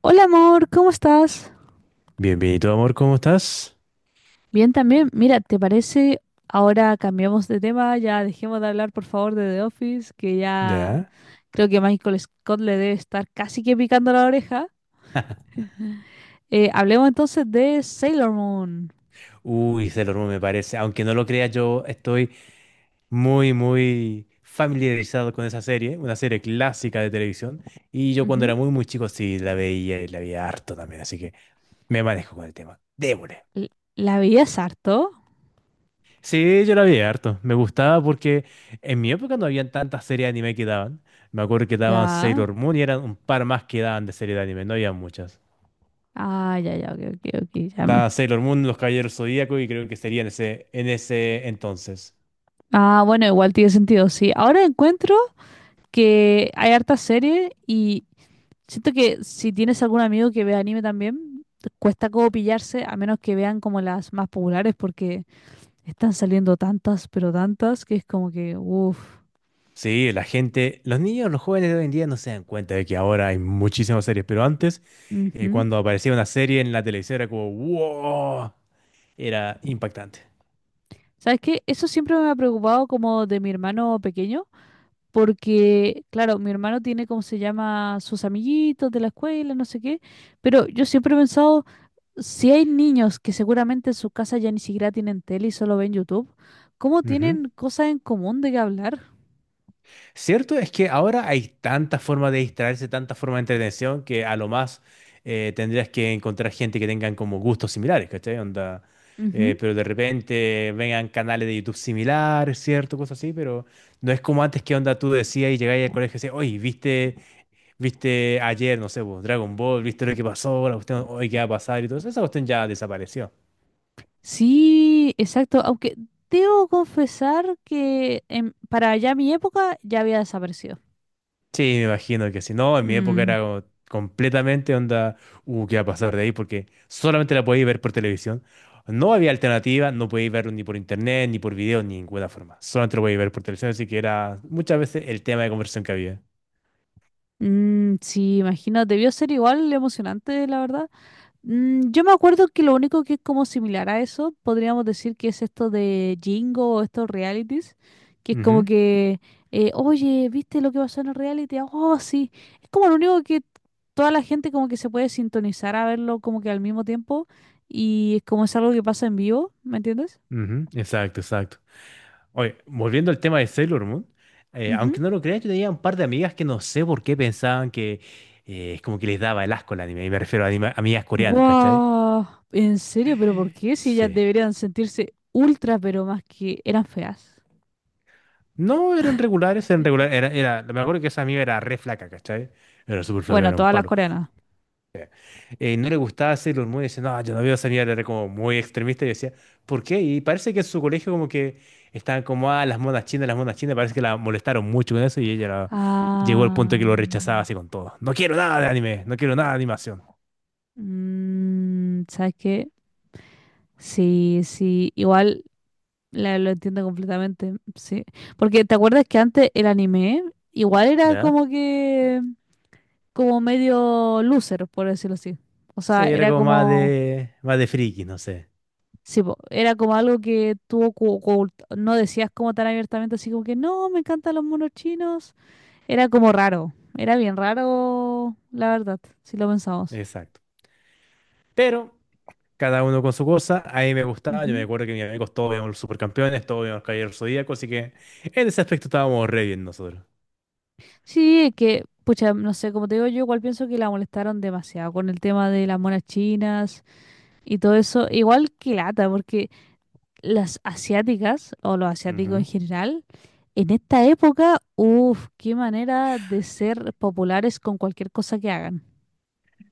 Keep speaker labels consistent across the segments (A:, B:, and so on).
A: Hola amor, ¿cómo estás?
B: Bienvenido, amor, ¿cómo estás?
A: Bien también. Mira, ¿te parece? Ahora cambiamos de tema, ya dejemos de hablar por favor de The Office, que ya
B: Ya.
A: creo que Michael Scott le debe estar casi que picando la oreja. Hablemos entonces de Sailor Moon.
B: Uy, Sailor Moon me parece. Aunque no lo creas, yo estoy muy, muy familiarizado con esa serie, una serie clásica de televisión. Y yo cuando era
A: Ujú.
B: muy, muy chico sí la veía y la veía harto también, así que me manejo con el tema. Démosle.
A: L- ¿La veías harto?
B: Sí, yo la veía harto. Me gustaba porque en mi época no habían tantas series de anime que daban. Me acuerdo que daban
A: Ya.
B: Sailor Moon y eran un par más que daban de serie de anime, no había muchas.
A: Ah, ya, ya, ok, ok, ok,
B: Da Sailor Moon, Los Caballeros Zodíacos y creo que sería en ese entonces.
A: Ah, bueno, igual tiene sentido, sí. Ahora encuentro que hay harta serie y siento que si tienes algún amigo que ve anime también, cuesta como pillarse, a menos que vean como las más populares, porque están saliendo tantas, pero tantas, que es como que, uff.
B: Sí, la gente, los niños, los jóvenes de hoy en día no se dan cuenta de que ahora hay muchísimas series, pero antes,
A: Ujú.
B: cuando aparecía una serie en la televisión era como, wow, era impactante.
A: ¿Sabes qué? Eso siempre me ha preocupado como de mi hermano pequeño, porque, claro, mi hermano tiene, como se llama?, sus amiguitos de la escuela, no sé qué, pero yo siempre he pensado, si hay niños que seguramente en su casa ya ni siquiera tienen tele y solo ven YouTube, ¿cómo
B: Ujú.
A: tienen cosas en común de qué hablar?
B: Cierto es que ahora hay tantas formas de distraerse, tantas formas de entretención, que a lo más tendrías que encontrar gente que tengan como gustos similares, ¿cachai? Onda,
A: Ujú.
B: pero de repente vengan canales de YouTube similares, ¿cierto? Cosas así, pero no es como antes que onda tú decías y llegabas al colegio y decías, oye, ¿viste? Viste ayer, no sé, vos, Dragon Ball, viste lo que pasó, la cuestión, hoy qué va a pasar y todo eso. Esa cuestión ya desapareció.
A: Sí, exacto. Aunque debo confesar que para allá mi época ya había desaparecido.
B: Sí, me imagino que si no, en mi época
A: Mm,
B: era como completamente onda, qué va a pasar de ahí, porque solamente la podéis ver por televisión. No había alternativa, no podéis verlo ni por internet, ni por video, ni ninguna forma. Solamente lo podéis ver por televisión, así que era muchas veces el tema de conversión que había.
A: mm, sí, imagino, debió ser igual emocionante, la verdad. Mm, yo me acuerdo que lo único que es como similar a eso, podríamos decir que es esto de Jingo o estos realities, que es como
B: Ujú,
A: que, oye, ¿viste lo que pasó en el reality? Ah. Oh, sí. Es como lo único que toda la gente como que se puede sintonizar a verlo como que al mismo tiempo y es como es algo que pasa en vivo, ¿me entiendes?
B: ujú, exacto, exacto. Oye, volviendo al tema de Sailor Moon,
A: Ujú.
B: aunque no lo creas, yo tenía un par de amigas que no sé por qué pensaban que es como que les daba el asco el anime, y me refiero a amigas coreanas, ¿cachai?
A: Wow. ¿En serio? ¿Pero por qué? Si ellas
B: Sí.
A: deberían sentirse ultra, pero más que eran feas.
B: No, eran regulares, me acuerdo que esa amiga era re flaca, ¿cachai? Era súper flaca,
A: Bueno,
B: era un
A: todas las
B: palo.
A: coreanas.
B: No le gustaba Sailor Moon y decía, no, yo no veo esa mierda, era como muy extremista y decía, ¿por qué? Y parece que en su colegio como que estaban como, ah, las monas chinas, parece que la molestaron mucho con eso y llegó al punto de que
A: Ah.
B: lo rechazaba
A: Mm.
B: así con todo. No quiero nada de anime, no quiero nada de animación.
A: Mm, ¿sabes qué? Sí, sí, igual lo entiendo completamente, sí. Porque ¿te acuerdas que antes el anime igual era
B: ¿Ya?
A: como que, como medio loser, por decirlo así? O
B: Sí,
A: sea,
B: era
A: era
B: como más
A: como,
B: de, más de friki, no sé.
A: sí, po, era como algo que tú no decías como tan abiertamente, así como que no, me encantan los monos chinos. Era como raro, era bien raro, la verdad, si lo pensamos.
B: Exacto. Pero cada uno con su cosa, a mí me gustaba, yo me acuerdo que mis amigos todos veían los supercampeones, todos veían los caballeros zodíacos, así que en ese aspecto estábamos re bien nosotros.
A: Sí, es que, pucha, no sé, como te digo, yo igual pienso que la molestaron demasiado con el tema de las monas chinas y todo eso. Igual que lata, porque las asiáticas, o los asiáticos en
B: Ujú.
A: general, en esta época, uff, qué manera de ser populares con cualquier cosa que hagan.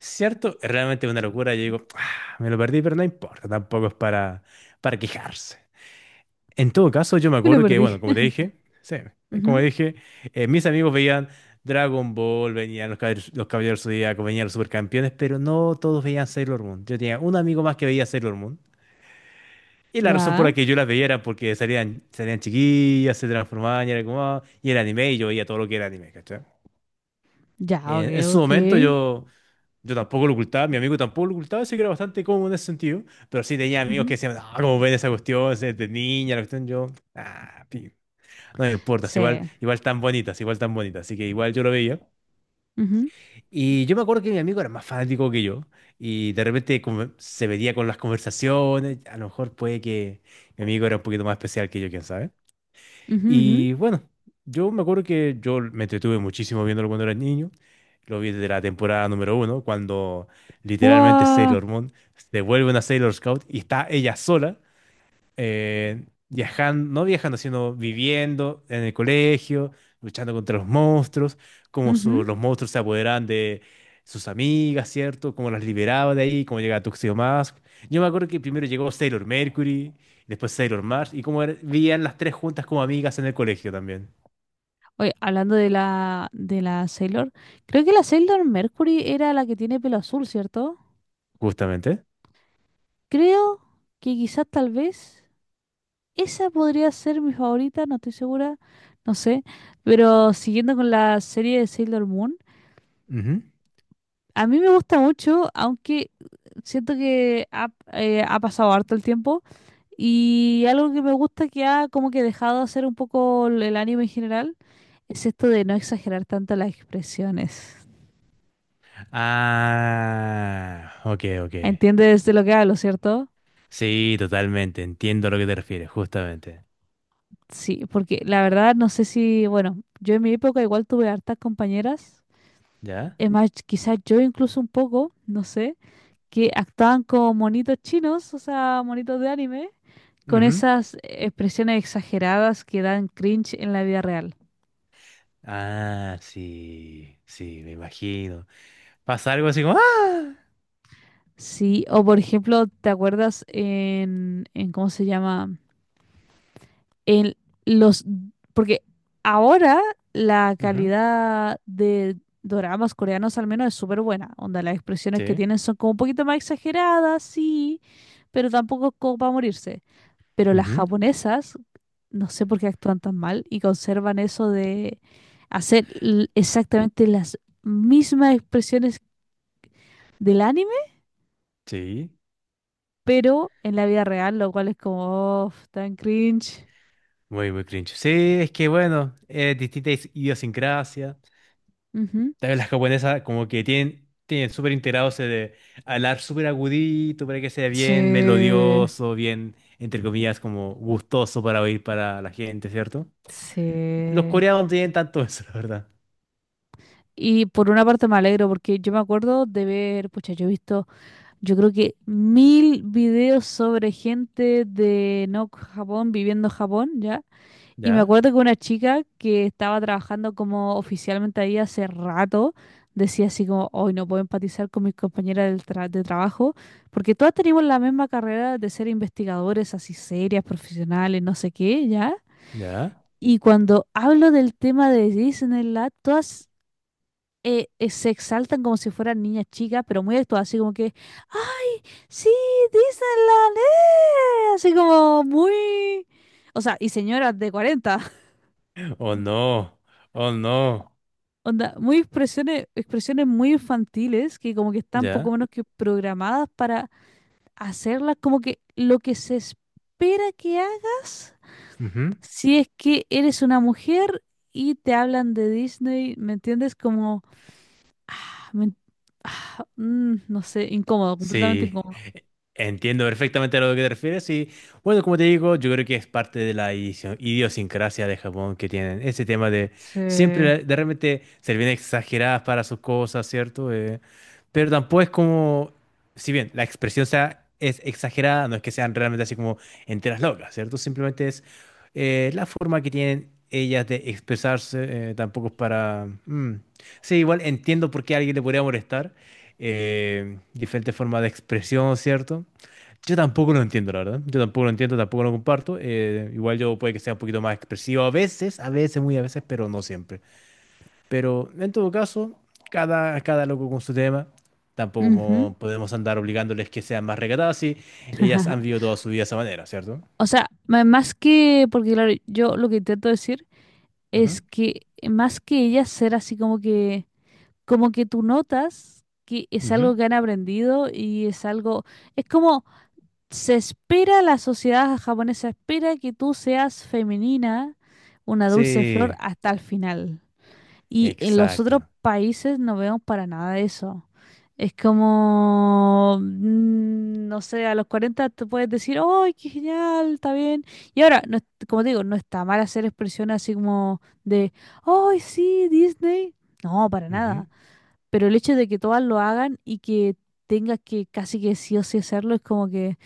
B: ¿Cierto? Es realmente una locura. Yo digo, "Ah, me lo perdí, pero no importa, tampoco es para quejarse. En todo caso, yo me
A: Yo lo
B: acuerdo que, bueno,
A: perdí.
B: como te dije, sí, como
A: Ujú.
B: dije, mis amigos veían Dragon Ball, venían los Caballeros Zodíacos, venían los Supercampeones, pero no todos veían Sailor Moon. Yo tenía un amigo más que veía Sailor Moon. Y la razón por
A: Ya,
B: la que yo las veía era porque salían chiquillas, se transformaban y era como, ah, y era anime y yo veía todo lo que era anime, ¿cachai?
A: ya, ok,
B: En su
A: ok.
B: momento yo tampoco lo ocultaba, mi amigo tampoco lo ocultaba, así que era bastante cómodo en ese sentido. Pero sí tenía amigos que
A: Ujú.
B: decían, ah, ¿cómo ven esa cuestión? Si es de niña, la cuestión. Yo, ah, pi, no me importa, es igual,
A: Sí.
B: igual tan bonitas, igual tan bonitas. Así que igual yo lo veía.
A: Ujú,
B: Y yo me acuerdo que mi amigo era más fanático que yo. Y de repente como se veía con las conversaciones. A lo mejor puede que mi amigo era un poquito más especial que yo, quién sabe.
A: ujú, ujú.
B: Y bueno, yo me acuerdo que yo me entretuve muchísimo viéndolo cuando era niño. Lo vi desde la temporada número uno, cuando literalmente
A: Guau,
B: Sailor Moon se vuelve una Sailor Scout y está ella sola viajando, no viajando, sino viviendo en el colegio, luchando contra los monstruos, cómo
A: ujú.
B: los monstruos se apoderaban de sus amigas, ¿cierto? Cómo las liberaba de ahí, cómo llegaba Tuxedo Mask. Yo me acuerdo que primero llegó Sailor Mercury, después Sailor Mars, y cómo vivían las tres juntas como amigas en el colegio también,
A: Oye, hablando de la Sailor, creo que la Sailor Mercury era la que tiene pelo azul, ¿cierto?
B: justamente.
A: Creo que quizás tal vez esa podría ser mi favorita, no estoy segura, no sé. Pero siguiendo con la serie de Sailor Moon,
B: Ujú.
A: a mí me gusta mucho, aunque siento que ha pasado harto el tiempo. Y algo que me gusta que ha como que dejado de hacer un poco el anime en general es esto de no exagerar tanto las expresiones.
B: Ah, ok, ok.
A: ¿Entiendes de lo que hablo, cierto?
B: Sí, totalmente, entiendo a lo que te refieres, justamente.
A: Sí, porque la verdad no sé si, bueno, yo en mi época igual tuve hartas compañeras,
B: ¿Ya?
A: es más, quizás yo incluso un poco, no sé, que actuaban como monitos chinos, o sea, monitos de anime, con esas expresiones exageradas que dan cringe en la vida real.
B: Ah, sí, sí, me imagino. Pasa algo así como, ¡ah!
A: Sí, o por ejemplo, ¿te acuerdas en cómo se llama? En los, porque ahora la
B: Ujú,
A: calidad de doramas coreanos al menos es súper buena, onda las expresiones que
B: sí,
A: tienen son como un poquito más exageradas, sí, pero tampoco es como para morirse. Pero las
B: ujú,
A: japonesas, no sé por qué actúan tan mal y conservan eso de exactamente las mismas expresiones del anime,
B: sí.
A: pero en la vida real, lo cual es como, "Oh, tan cringe".
B: Muy, muy cringe. Sí, es que bueno, distintas idiosincrasias.
A: Ujú.
B: También las japonesas como que tienen súper integrado ese de hablar súper agudito para que sea
A: Sí,
B: bien melodioso, bien, entre comillas, como gustoso para oír para la gente, ¿cierto? Los
A: sí.
B: coreanos no tienen tanto eso, la verdad.
A: Y por una parte me alegro porque yo me acuerdo de ver, pucha, yo he visto, yo creo que mil videos sobre gente de no Japón viviendo en Japón, ¿ya? Y me
B: ¿Ya?
A: acuerdo que una chica que estaba trabajando como oficialmente ahí hace rato, decía así como, hoy no puedo empatizar con mis compañeras del de trabajo, porque todas tenemos la misma carrera de ser investigadores, así serias, profesionales, no sé qué, ¿ya?
B: ¿Ya?
A: Y cuando hablo del tema de Disneyland, todas se exaltan como si fueran niñas chicas, pero muy actuadas, así como que, "¡ah, sí, Disneyland! ¡Eh!", así como muy... O sea, y señoras de cuarenta.
B: Oh no, oh no.
A: Onda, muy expresiones, expresiones muy infantiles que como que están poco
B: ¿Ya?
A: menos que programadas para hacerlas como que lo que se espera que hagas si es que eres una mujer y te hablan de Disney, ¿me entiendes? Como, ah, me- ah, mm, no sé, incómodo, completamente.
B: Sí, entiendo perfectamente a lo que te refieres y bueno, como te digo, yo creo que es parte de la idiosincrasia de Japón que tienen ese tema de
A: Sí.
B: siempre de repente ser bien exageradas para sus cosas, ¿cierto? Pero tampoco es como, si bien la expresión sea, es exagerada, no es que sean realmente así como enteras locas, ¿cierto? Simplemente es la forma que tienen ellas de expresarse, tampoco es para. Mm. Sí, igual entiendo por qué a alguien le podría molestar diferentes formas de expresión, ¿cierto? Yo tampoco lo entiendo, la verdad. Yo tampoco lo entiendo, tampoco lo comparto. Igual yo puede que sea un poquito más expresivo a veces, muy a veces, pero no siempre. Pero en todo caso, cada loco con su tema.
A: Ujú.
B: Tampoco podemos andar obligándoles que sean más recatadas si ellas
A: Ajá.
B: han vivido toda su vida de esa manera, ¿cierto?
A: O sea, más que, porque claro, yo lo que intento decir
B: Ujú,
A: es que más que ellas ser así como que tú notas que es
B: ujú.
A: algo que han aprendido y es algo, es como se espera, la sociedad japonesa espera que tú seas femenina, una dulce flor
B: Sí,
A: hasta el final. Y en los otros
B: exacto.
A: países no vemos para nada de eso. Es como, mm, no sé, a los 40 te puedes decir, ¡ay, qué genial! Está bien. Y ahora, no, como te digo, no está mal hacer expresiones así como de, ¡ay, sí, Disney! No, para
B: Ujú.
A: nada. Pero el hecho de que todas lo hagan y que tengas que casi que sí o sí hacerlo es como que,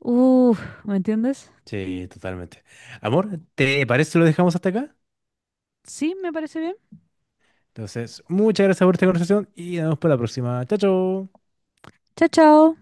A: uff, ¿me entiendes?
B: Sí, totalmente. Amor, ¿te parece si lo dejamos hasta acá?
A: Sí, me parece bien.
B: Entonces, muchas gracias por esta conversación y nos vemos para la próxima. Chao, chao.
A: Chao, chao.